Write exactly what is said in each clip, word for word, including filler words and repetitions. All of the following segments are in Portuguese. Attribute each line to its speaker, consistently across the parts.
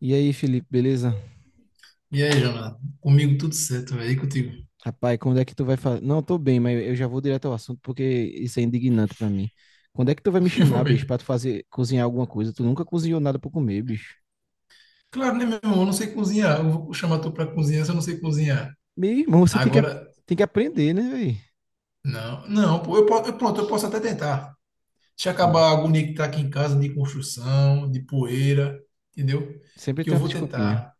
Speaker 1: E aí, Felipe, beleza?
Speaker 2: E aí, Jonathan? Comigo tudo certo, velho. E contigo?
Speaker 1: Rapaz, quando é que tu vai fazer? Não, tô bem, mas eu já vou direto ao assunto porque isso é indignante pra mim. Quando é que tu vai me chamar, bicho,
Speaker 2: Foi.
Speaker 1: pra tu fazer cozinhar alguma coisa? Tu nunca cozinhou nada pra comer, bicho.
Speaker 2: Claro, né, meu irmão? Eu não sei cozinhar. Eu vou chamar tu pra cozinhar se eu não sei cozinhar.
Speaker 1: Meu irmão, você tem que, a-
Speaker 2: Agora,
Speaker 1: tem que aprender, né, velho?
Speaker 2: não, não, pô, eu, po- eu- pronto, eu posso até tentar. Deixa
Speaker 1: Hum.
Speaker 2: acabar a agonia que tá aqui em casa de construção, de poeira, entendeu?
Speaker 1: Sempre
Speaker 2: Que eu
Speaker 1: tem uma
Speaker 2: vou
Speaker 1: desculpinha.
Speaker 2: tentar.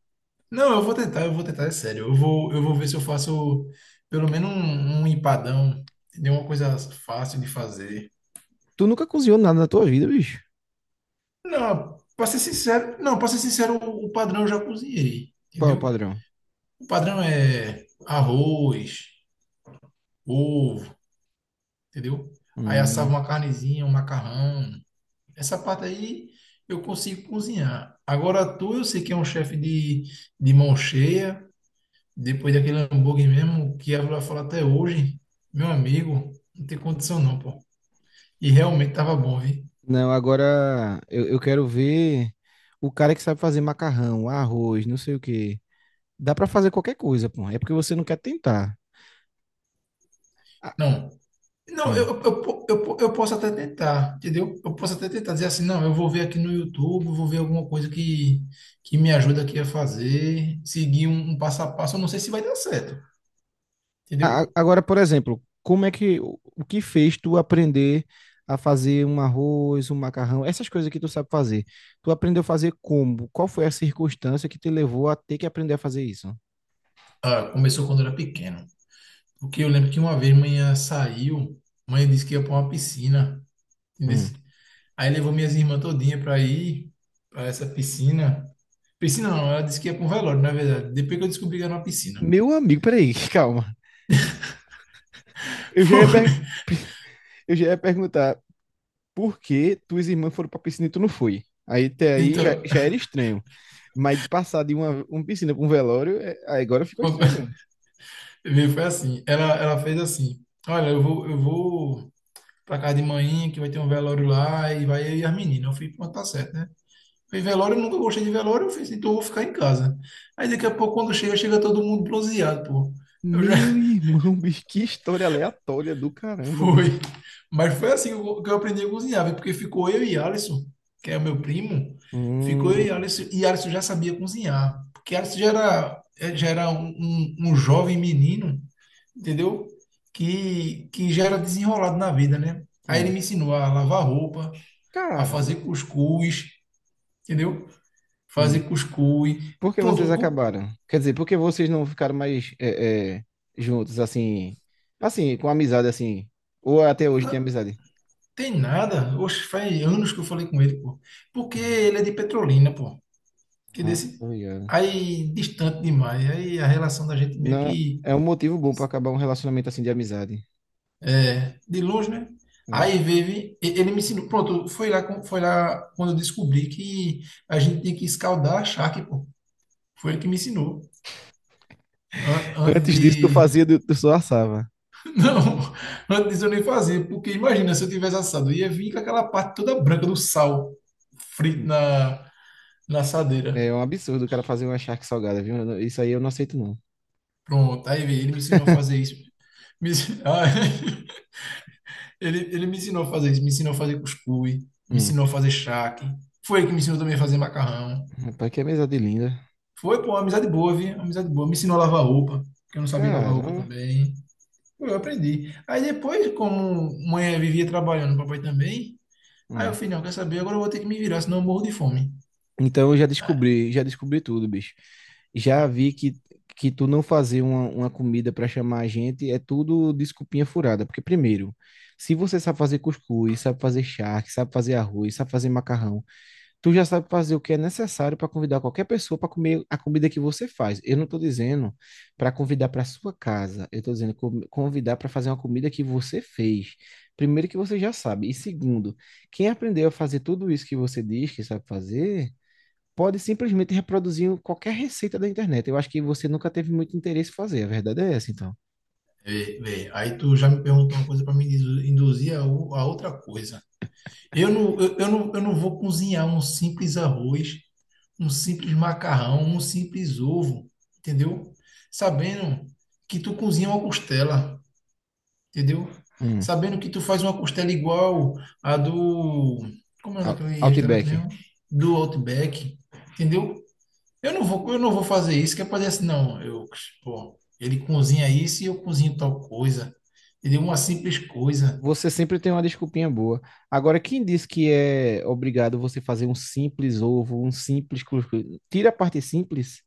Speaker 2: Não, eu vou tentar, eu vou tentar, é sério. Eu vou, eu vou ver se eu faço pelo menos um, um empadão, entendeu? Uma coisa fácil de fazer.
Speaker 1: Tu nunca cozinhou nada na tua vida, bicho?
Speaker 2: Não, pra ser sincero, não, pra ser sincero, o o padrão eu já cozinhei,
Speaker 1: Qual é o
Speaker 2: entendeu?
Speaker 1: padrão?
Speaker 2: O padrão é arroz, ovo, entendeu? Aí assava
Speaker 1: Hum.
Speaker 2: uma carnezinha, um macarrão. Essa parte aí eu consigo cozinhar. Agora tu, eu sei que é um chefe de, de mão cheia, depois daquele hambúrguer mesmo, que ela vai falar até hoje, meu amigo, não tem condição não, pô. E realmente tava bom, viu?
Speaker 1: Não, agora eu, eu quero ver o cara que sabe fazer macarrão, arroz, não sei o quê. Dá pra fazer qualquer coisa, pô. É porque você não quer tentar. Ah,
Speaker 2: Não, não, eu,
Speaker 1: hum.
Speaker 2: eu, po- eu, po- eu posso até tentar, entendeu? Eu posso até tentar dizer assim, não, eu vou ver aqui no YouTube, vou ver alguma coisa que, que me ajuda aqui a fazer, seguir um, um passo a passo, eu não sei se vai dar certo,
Speaker 1: A- a-
Speaker 2: entendeu?
Speaker 1: Agora, por exemplo, como é que o o que fez tu aprender a fazer um arroz, um macarrão, essas coisas que tu sabe fazer? Tu aprendeu a fazer como? Qual foi a circunstância que te levou a ter que aprender a fazer isso?
Speaker 2: Ah, começou quando eu era pequeno, porque eu lembro que uma vez manhã saiu, mãe disse que ia para uma piscina, entendeu?
Speaker 1: Hum.
Speaker 2: Aí levou minhas irmãs todinha para ir para essa piscina. Piscina não, ela disse que ia para um velório, na verdade, depois que eu descobri que era uma piscina.
Speaker 1: Meu amigo, peraí, calma. Eu já ia, per- eu já ia perguntar por que tuas irmãs foram pra piscina e tu não foi. Aí até aí já,
Speaker 2: Então,
Speaker 1: já era estranho. Mas passar de uma, uma piscina pra um velório, é- aí agora ficou estranho mesmo.
Speaker 2: viu? Foi assim. Ela, ela fez assim: Olha, eu vou, eu vou pra casa de manhã, que vai ter um velório lá, e vai eu e as meninas. Eu fui, pronto, tá certo, né? Fui em velório, eu nunca gostei de velório, eu fiz, então eu vou ficar em casa. Aí daqui a pouco, quando chega, chega todo mundo bronzeado, pô. Eu já
Speaker 1: Meu irmão, bicho, que história aleatória do caramba, bicho.
Speaker 2: foi. Mas foi assim que eu que eu aprendi a cozinhar, viu? Porque ficou eu e Alisson, que é o meu primo, ficou eu e
Speaker 1: Hum,
Speaker 2: Alisson, e Alisson já sabia cozinhar, porque Alisson já era, eh, já era um, um, um jovem menino, entendeu? Que, que já era desenrolado na vida, né? Aí ele
Speaker 1: hum.
Speaker 2: me ensinou a lavar roupa, a
Speaker 1: Caramba.
Speaker 2: fazer cuscuz, entendeu? Fazer
Speaker 1: Hum.
Speaker 2: cuscuz.
Speaker 1: Por que vocês
Speaker 2: Pronto, cu-
Speaker 1: acabaram? Quer dizer, por que vocês não ficaram mais é, é, juntos, assim, assim, com amizade, assim? Ou até hoje tem
Speaker 2: não
Speaker 1: amizade?
Speaker 2: tem nada. Oxe, faz anos que eu falei com ele, pô. Porque
Speaker 1: Hum.
Speaker 2: ele é de Petrolina, pô. Que
Speaker 1: Ah, tô
Speaker 2: desse
Speaker 1: ligado.
Speaker 2: aí distante demais. Aí a relação da gente meio
Speaker 1: Não,
Speaker 2: que
Speaker 1: é um motivo bom pra acabar um relacionamento assim de amizade.
Speaker 2: é, de longe, né?
Speaker 1: É.
Speaker 2: Aí vive, ele me ensinou, pronto, foi lá, com- foi lá quando eu descobri que a gente tinha que escaldar a charque, pô. Foi ele que me ensinou. An- antes
Speaker 1: Antes disso, tu fazia,
Speaker 2: de.
Speaker 1: do- tu só assava.
Speaker 2: Não, antes disso eu nem fazia, porque imagina se eu tivesse assado, eu ia vir com aquela parte toda branca do sal frito na, na assadeira.
Speaker 1: É um absurdo o cara fazer uma charque salgada, viu? Eu não- Isso aí eu não aceito, não.
Speaker 2: Pronto, aí veio, ele me ensinou a fazer isso. Me ensinou... Ele, ele me ensinou a fazer isso, me ensinou a fazer cuscuz, me
Speaker 1: Hum.
Speaker 2: ensinou a fazer charque. Foi ele que me ensinou também a fazer macarrão.
Speaker 1: Rapaz, que amizade linda.
Speaker 2: Foi, pô, uma amizade boa, viu? Uma amizade boa. Me ensinou a lavar roupa, porque eu não sabia lavar roupa
Speaker 1: Caramba.
Speaker 2: também. Pô, eu aprendi. Aí depois, como mãe vivia trabalhando, papai também, aí eu
Speaker 1: Hum.
Speaker 2: falei, não, quer saber? Agora eu vou ter que me virar, senão eu morro de fome.
Speaker 1: Então eu já descobri, já descobri tudo, bicho. Já vi que, que tu não fazer uma, uma comida para chamar a gente é tudo desculpinha furada. Porque, primeiro, se você sabe fazer cuscuz, sabe fazer charque, sabe fazer arroz, sabe fazer macarrão, tu já sabe fazer o que é necessário para convidar qualquer pessoa para comer a comida que você faz. Eu não estou dizendo para convidar para sua casa, eu estou dizendo co- convidar para fazer uma comida que você fez. Primeiro que você já sabe. E segundo, quem aprendeu a fazer tudo isso que você diz que sabe fazer pode simplesmente reproduzir qualquer receita da internet. Eu acho que você nunca teve muito interesse em fazer. A verdade é essa, então.
Speaker 2: Vê, vê. Aí tu já me perguntou uma coisa para me indu- induzir a, o- a outra coisa. Eu não, eu, eu não, eu não vou cozinhar um simples arroz um simples macarrão, um simples ovo, entendeu? Sabendo que tu cozinha uma costela, entendeu?
Speaker 1: Hum.
Speaker 2: Sabendo que tu faz uma costela igual a do. Como é
Speaker 1: Out-
Speaker 2: naquele restaurante
Speaker 1: Outback.
Speaker 2: mesmo? Do Outback, entendeu? Eu não vou, eu não vou fazer isso, que é pra dizer assim, não, eu, pô, ele cozinha isso e eu cozinho tal coisa, entendeu? Uma simples coisa.
Speaker 1: Você sempre tem uma desculpinha boa. Agora, quem diz que é obrigado você fazer um simples ovo, um simples cuscuz? Tira a parte simples,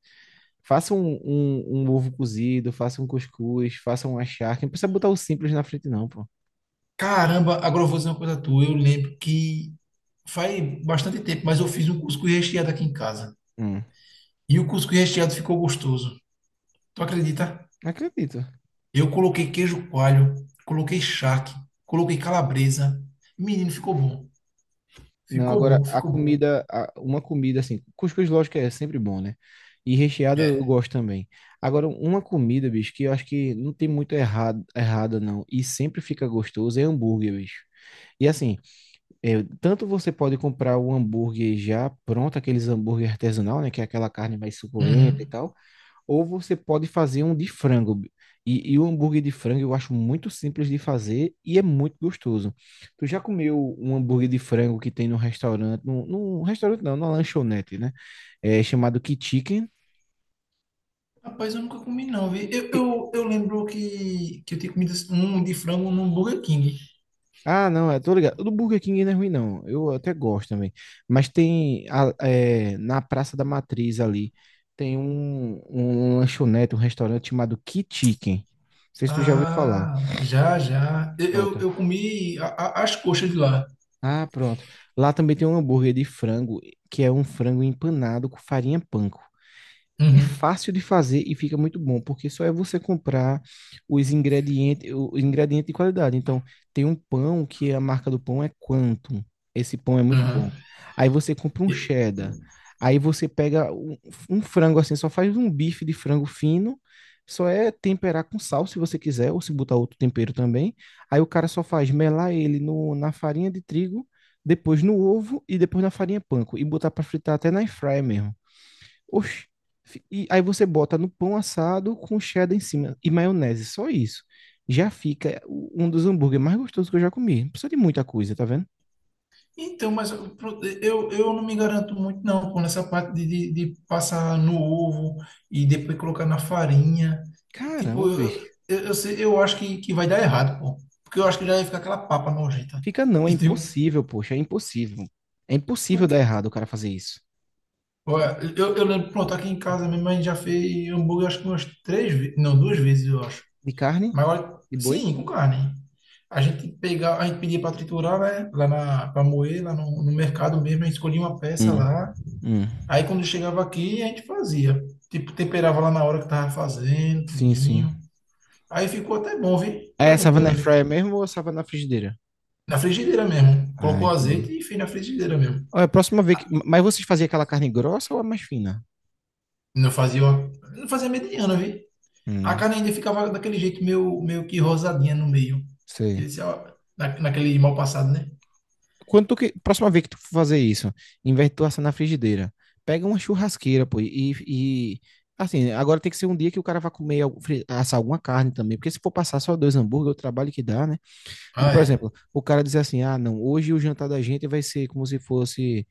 Speaker 1: faça um, um, um ovo cozido, faça um cuscuz, faça uma charque. Não precisa botar o simples na frente, não, pô.
Speaker 2: Caramba, agora eu vou dizer uma coisa tua, eu lembro que faz bastante tempo, mas eu fiz um cuscuz recheado aqui em casa.
Speaker 1: Hum.
Speaker 2: E o cuscuz recheado ficou gostoso. Tu acredita?
Speaker 1: Não acredito.
Speaker 2: Eu coloquei queijo coalho, coloquei charque, coloquei calabresa. Menino, ficou bom.
Speaker 1: Não,
Speaker 2: Ficou
Speaker 1: agora
Speaker 2: bom,
Speaker 1: a
Speaker 2: ficou bom.
Speaker 1: comida, a- uma comida assim, cuscuz lógico é sempre bom, né? E recheado eu
Speaker 2: É.
Speaker 1: gosto também. Agora, uma comida, bicho, que eu acho que não tem muito errado, errada não, e sempre fica gostoso, é hambúrguer, bicho. E assim, é, tanto você pode comprar o hambúrguer já pronto, aqueles hambúrguer artesanal, né? Que é aquela carne mais suculenta e
Speaker 2: Uhum.
Speaker 1: tal, ou você pode fazer um de frango. E, e o hambúrguer de frango eu acho muito simples de fazer e é muito gostoso. Tu já comeu um hambúrguer de frango que tem no restaurante, no, no restaurante não, na lanchonete, né? É chamado K-Chicken.
Speaker 2: Rapaz, eu nunca comi não, vi. Eu,
Speaker 1: Fi-
Speaker 2: eu, eu lembro que, que eu tinha comido um de frango num Burger King.
Speaker 1: Ah, não, é, tô ligado. O do Burger King não é ruim, não. Eu até gosto também. Mas tem a- é, na Praça da Matriz ali, tem um, um lanchonete, um restaurante chamado K-Chicken. Não sei se tu já ouviu falar.
Speaker 2: Ah, já, já. Eu, eu,
Speaker 1: Pronto.
Speaker 2: eu comi a- a- as coxas de lá.
Speaker 1: Ah, pronto. Lá também tem um hambúrguer de frango, que é um frango empanado com farinha panko. É
Speaker 2: Uhum.
Speaker 1: fácil de fazer e fica muito bom, porque só é você comprar os ingredientes, o o ingrediente de qualidade. Então, tem um pão que a marca do pão é Quantum. Esse pão é muito
Speaker 2: Uhum.
Speaker 1: bom. Aí você compra um cheddar. Aí você pega um, um frango assim, só faz um bife de frango fino. Só é temperar com sal, se você quiser, ou se botar outro tempero também. Aí o cara só faz melar ele no, na farinha de trigo, depois no ovo e depois na farinha panko. E botar para fritar até na air fryer mesmo. Oxi. Fi- E aí você bota no pão assado com cheddar em cima e maionese, só isso. Já fica o- um dos hambúrgueres mais gostosos que eu já comi. Não precisa de muita coisa, tá vendo?
Speaker 2: Então, mas eu, eu eu não me garanto muito, não, com essa parte de, de, de passar no ovo e depois colocar na farinha. Tipo,
Speaker 1: Caramba,
Speaker 2: eu,
Speaker 1: bicho.
Speaker 2: eu, eu, sei- eu acho que, que vai dar errado, pô. Porque eu acho que já ia ficar aquela papa nojenta.
Speaker 1: Fica não, é
Speaker 2: Entendeu?
Speaker 1: impossível, poxa, é impossível. É impossível dar
Speaker 2: Porque,
Speaker 1: errado o cara fazer isso.
Speaker 2: olha, eu, eu lembro, pronto, aqui em casa minha mãe já fez hambúrguer, acho que umas três vezes, não, duas vezes, eu acho.
Speaker 1: De carne?
Speaker 2: Mas olha,
Speaker 1: De boi?
Speaker 2: sim, com carne. A gente pegava, a gente pedia para triturar, né? Lá na, para moer, lá no, no mercado mesmo, a gente escolhia uma peça
Speaker 1: Hum.
Speaker 2: lá.
Speaker 1: Hum.
Speaker 2: Aí quando chegava aqui, a gente fazia. Tipo, temperava lá na hora que tava fazendo,
Speaker 1: Sim, sim.
Speaker 2: tudinho. Aí ficou até bom, viu?
Speaker 1: É
Speaker 2: Eu
Speaker 1: essa
Speaker 2: lembro da
Speaker 1: na
Speaker 2: outra
Speaker 1: air
Speaker 2: vez
Speaker 1: fryer
Speaker 2: que-
Speaker 1: mesmo ou essa na frigideira?
Speaker 2: na frigideira mesmo.
Speaker 1: Ah,
Speaker 2: Colocou
Speaker 1: entendi.
Speaker 2: azeite e fez na frigideira mesmo.
Speaker 1: Olha, a próxima vez que... Mas vocês faziam aquela carne grossa ou a mais fina?
Speaker 2: Não fazia, uma- não fazia mediana, viu? A
Speaker 1: Hum,
Speaker 2: carne ainda ficava daquele jeito meio, meio que rosadinha no meio.
Speaker 1: sei.
Speaker 2: Esse, ó, na- naquele mal passado, né?
Speaker 1: Quando tu que, próxima vez que tu for fazer isso, em vez de tu assar na frigideira, pega uma churrasqueira, pô, e, e assim, agora tem que ser um dia que o cara vai comer, algum- fri- assar alguma carne também, porque se for passar só dois hambúrguer, o trabalho que dá, né? Mas,
Speaker 2: Ah,
Speaker 1: por
Speaker 2: é.
Speaker 1: exemplo, o cara dizer assim, ah, não, hoje o jantar da gente vai ser como se fosse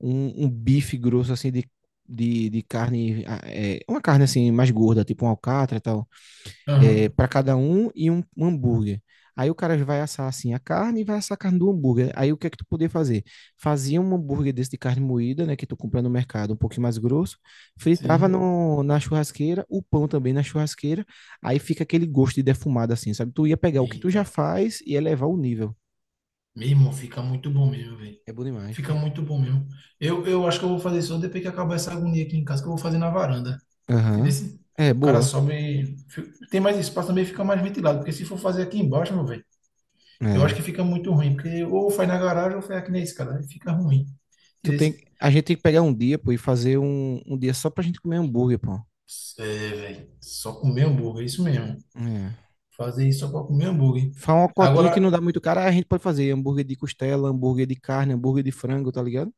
Speaker 1: um, um bife grosso, assim, de, de, de carne, ah, é, uma carne, assim, mais gorda, tipo um alcatra tal, é,
Speaker 2: Aham.
Speaker 1: para cada um e um, um hambúrguer. Aí o cara vai assar assim a carne e vai assar a carne do hambúrguer. Aí o que é que tu podia fazer? Fazia um hambúrguer desse de carne moída, né, que tu compra no mercado, um pouquinho mais grosso, fritava
Speaker 2: Sim.
Speaker 1: no, na churrasqueira, o pão também na churrasqueira, aí fica aquele gosto de defumado assim, sabe? Tu ia pegar o que tu
Speaker 2: Eita.
Speaker 1: já faz e elevar o nível.
Speaker 2: Meu irmão, fica muito bom mesmo, velho.
Speaker 1: É bom demais, pô.
Speaker 2: Fica muito bom mesmo. Eu, eu acho que eu vou fazer só depois que acabar essa agonia aqui em casa, que eu vou fazer na varanda. Entendeu?
Speaker 1: Aham.
Speaker 2: Se
Speaker 1: É
Speaker 2: o cara
Speaker 1: boa.
Speaker 2: sobe, fi- tem mais espaço também, fica mais ventilado, porque se for fazer aqui embaixo, meu velho, eu acho que
Speaker 1: É.
Speaker 2: fica muito ruim, porque ou faz na garagem ou faz aqui na escada, aí fica ruim.
Speaker 1: Tu
Speaker 2: Entendeu?
Speaker 1: tem, a gente tem que pegar um dia, pô, e fazer um, um dia só pra gente comer hambúrguer, pô.
Speaker 2: É, velho, só comer hambúrguer, é isso mesmo.
Speaker 1: É.
Speaker 2: Fazer isso só pra comer hambúrguer.
Speaker 1: Faz uma cotinha que não
Speaker 2: Agora,
Speaker 1: dá muito cara, aí a gente pode fazer hambúrguer de costela, hambúrguer de carne, hambúrguer de frango, tá ligado?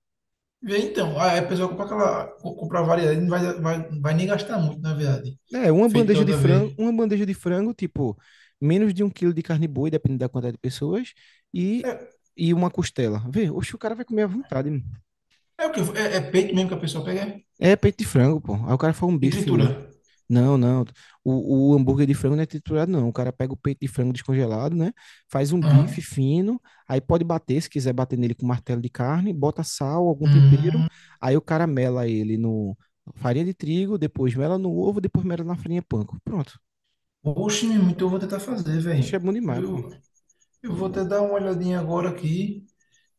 Speaker 2: vê então, aí a pessoa compra aquela, co- compra a variedade, não vai, vai, vai nem gastar muito, na verdade.
Speaker 1: É, uma
Speaker 2: Feito da
Speaker 1: bandeja de
Speaker 2: outra
Speaker 1: frango,
Speaker 2: vez.
Speaker 1: uma bandeja de frango, tipo, menos de um quilo de carne boi, dependendo da quantidade de pessoas, e,
Speaker 2: É,
Speaker 1: e uma costela. Vê, oxe, o cara vai comer à vontade, mano.
Speaker 2: é o que? É, é peito mesmo que a pessoa pega é?
Speaker 1: É peito de frango, pô. Aí o cara faz um
Speaker 2: E
Speaker 1: bife
Speaker 2: tritura.
Speaker 1: fininho. Não, não. O, o hambúrguer de frango não é triturado, não. O cara pega o peito de frango descongelado, né? Faz um bife
Speaker 2: Aham.
Speaker 1: fino, aí pode bater, se quiser bater nele com martelo de carne, bota sal, algum tempero,
Speaker 2: Hum,
Speaker 1: aí o cara mela ele no farinha de trigo, depois mela no ovo, depois mela na farinha panko. Pronto.
Speaker 2: oxe, meu irmão, então eu vou tentar fazer,
Speaker 1: Isso é
Speaker 2: velho.
Speaker 1: bom demais, pô.
Speaker 2: Eu, eu vou até dar uma olhadinha agora aqui.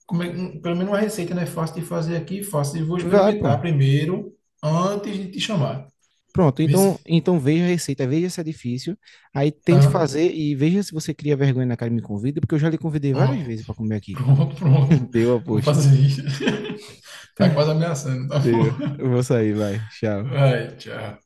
Speaker 2: Como é, um- pelo menos uma receita, né? Fácil de fazer aqui, fácil. E vou
Speaker 1: Vai, pô.
Speaker 2: experimentar primeiro, antes de te chamar.
Speaker 1: Pronto, então,
Speaker 2: Vice?
Speaker 1: então veja a receita, veja se é difícil, aí tente
Speaker 2: Ah,
Speaker 1: fazer e veja se você cria vergonha na cara e me convida, porque eu já lhe convidei várias
Speaker 2: pronto,
Speaker 1: vezes para comer aqui.
Speaker 2: pronto, pronto.
Speaker 1: Deu a
Speaker 2: Vou
Speaker 1: poxa.
Speaker 2: fazer isso. Tá quase ameaçando, tá
Speaker 1: Deu.
Speaker 2: bom?
Speaker 1: Eu vou sair, vai. Tchau.
Speaker 2: Vai, tchau.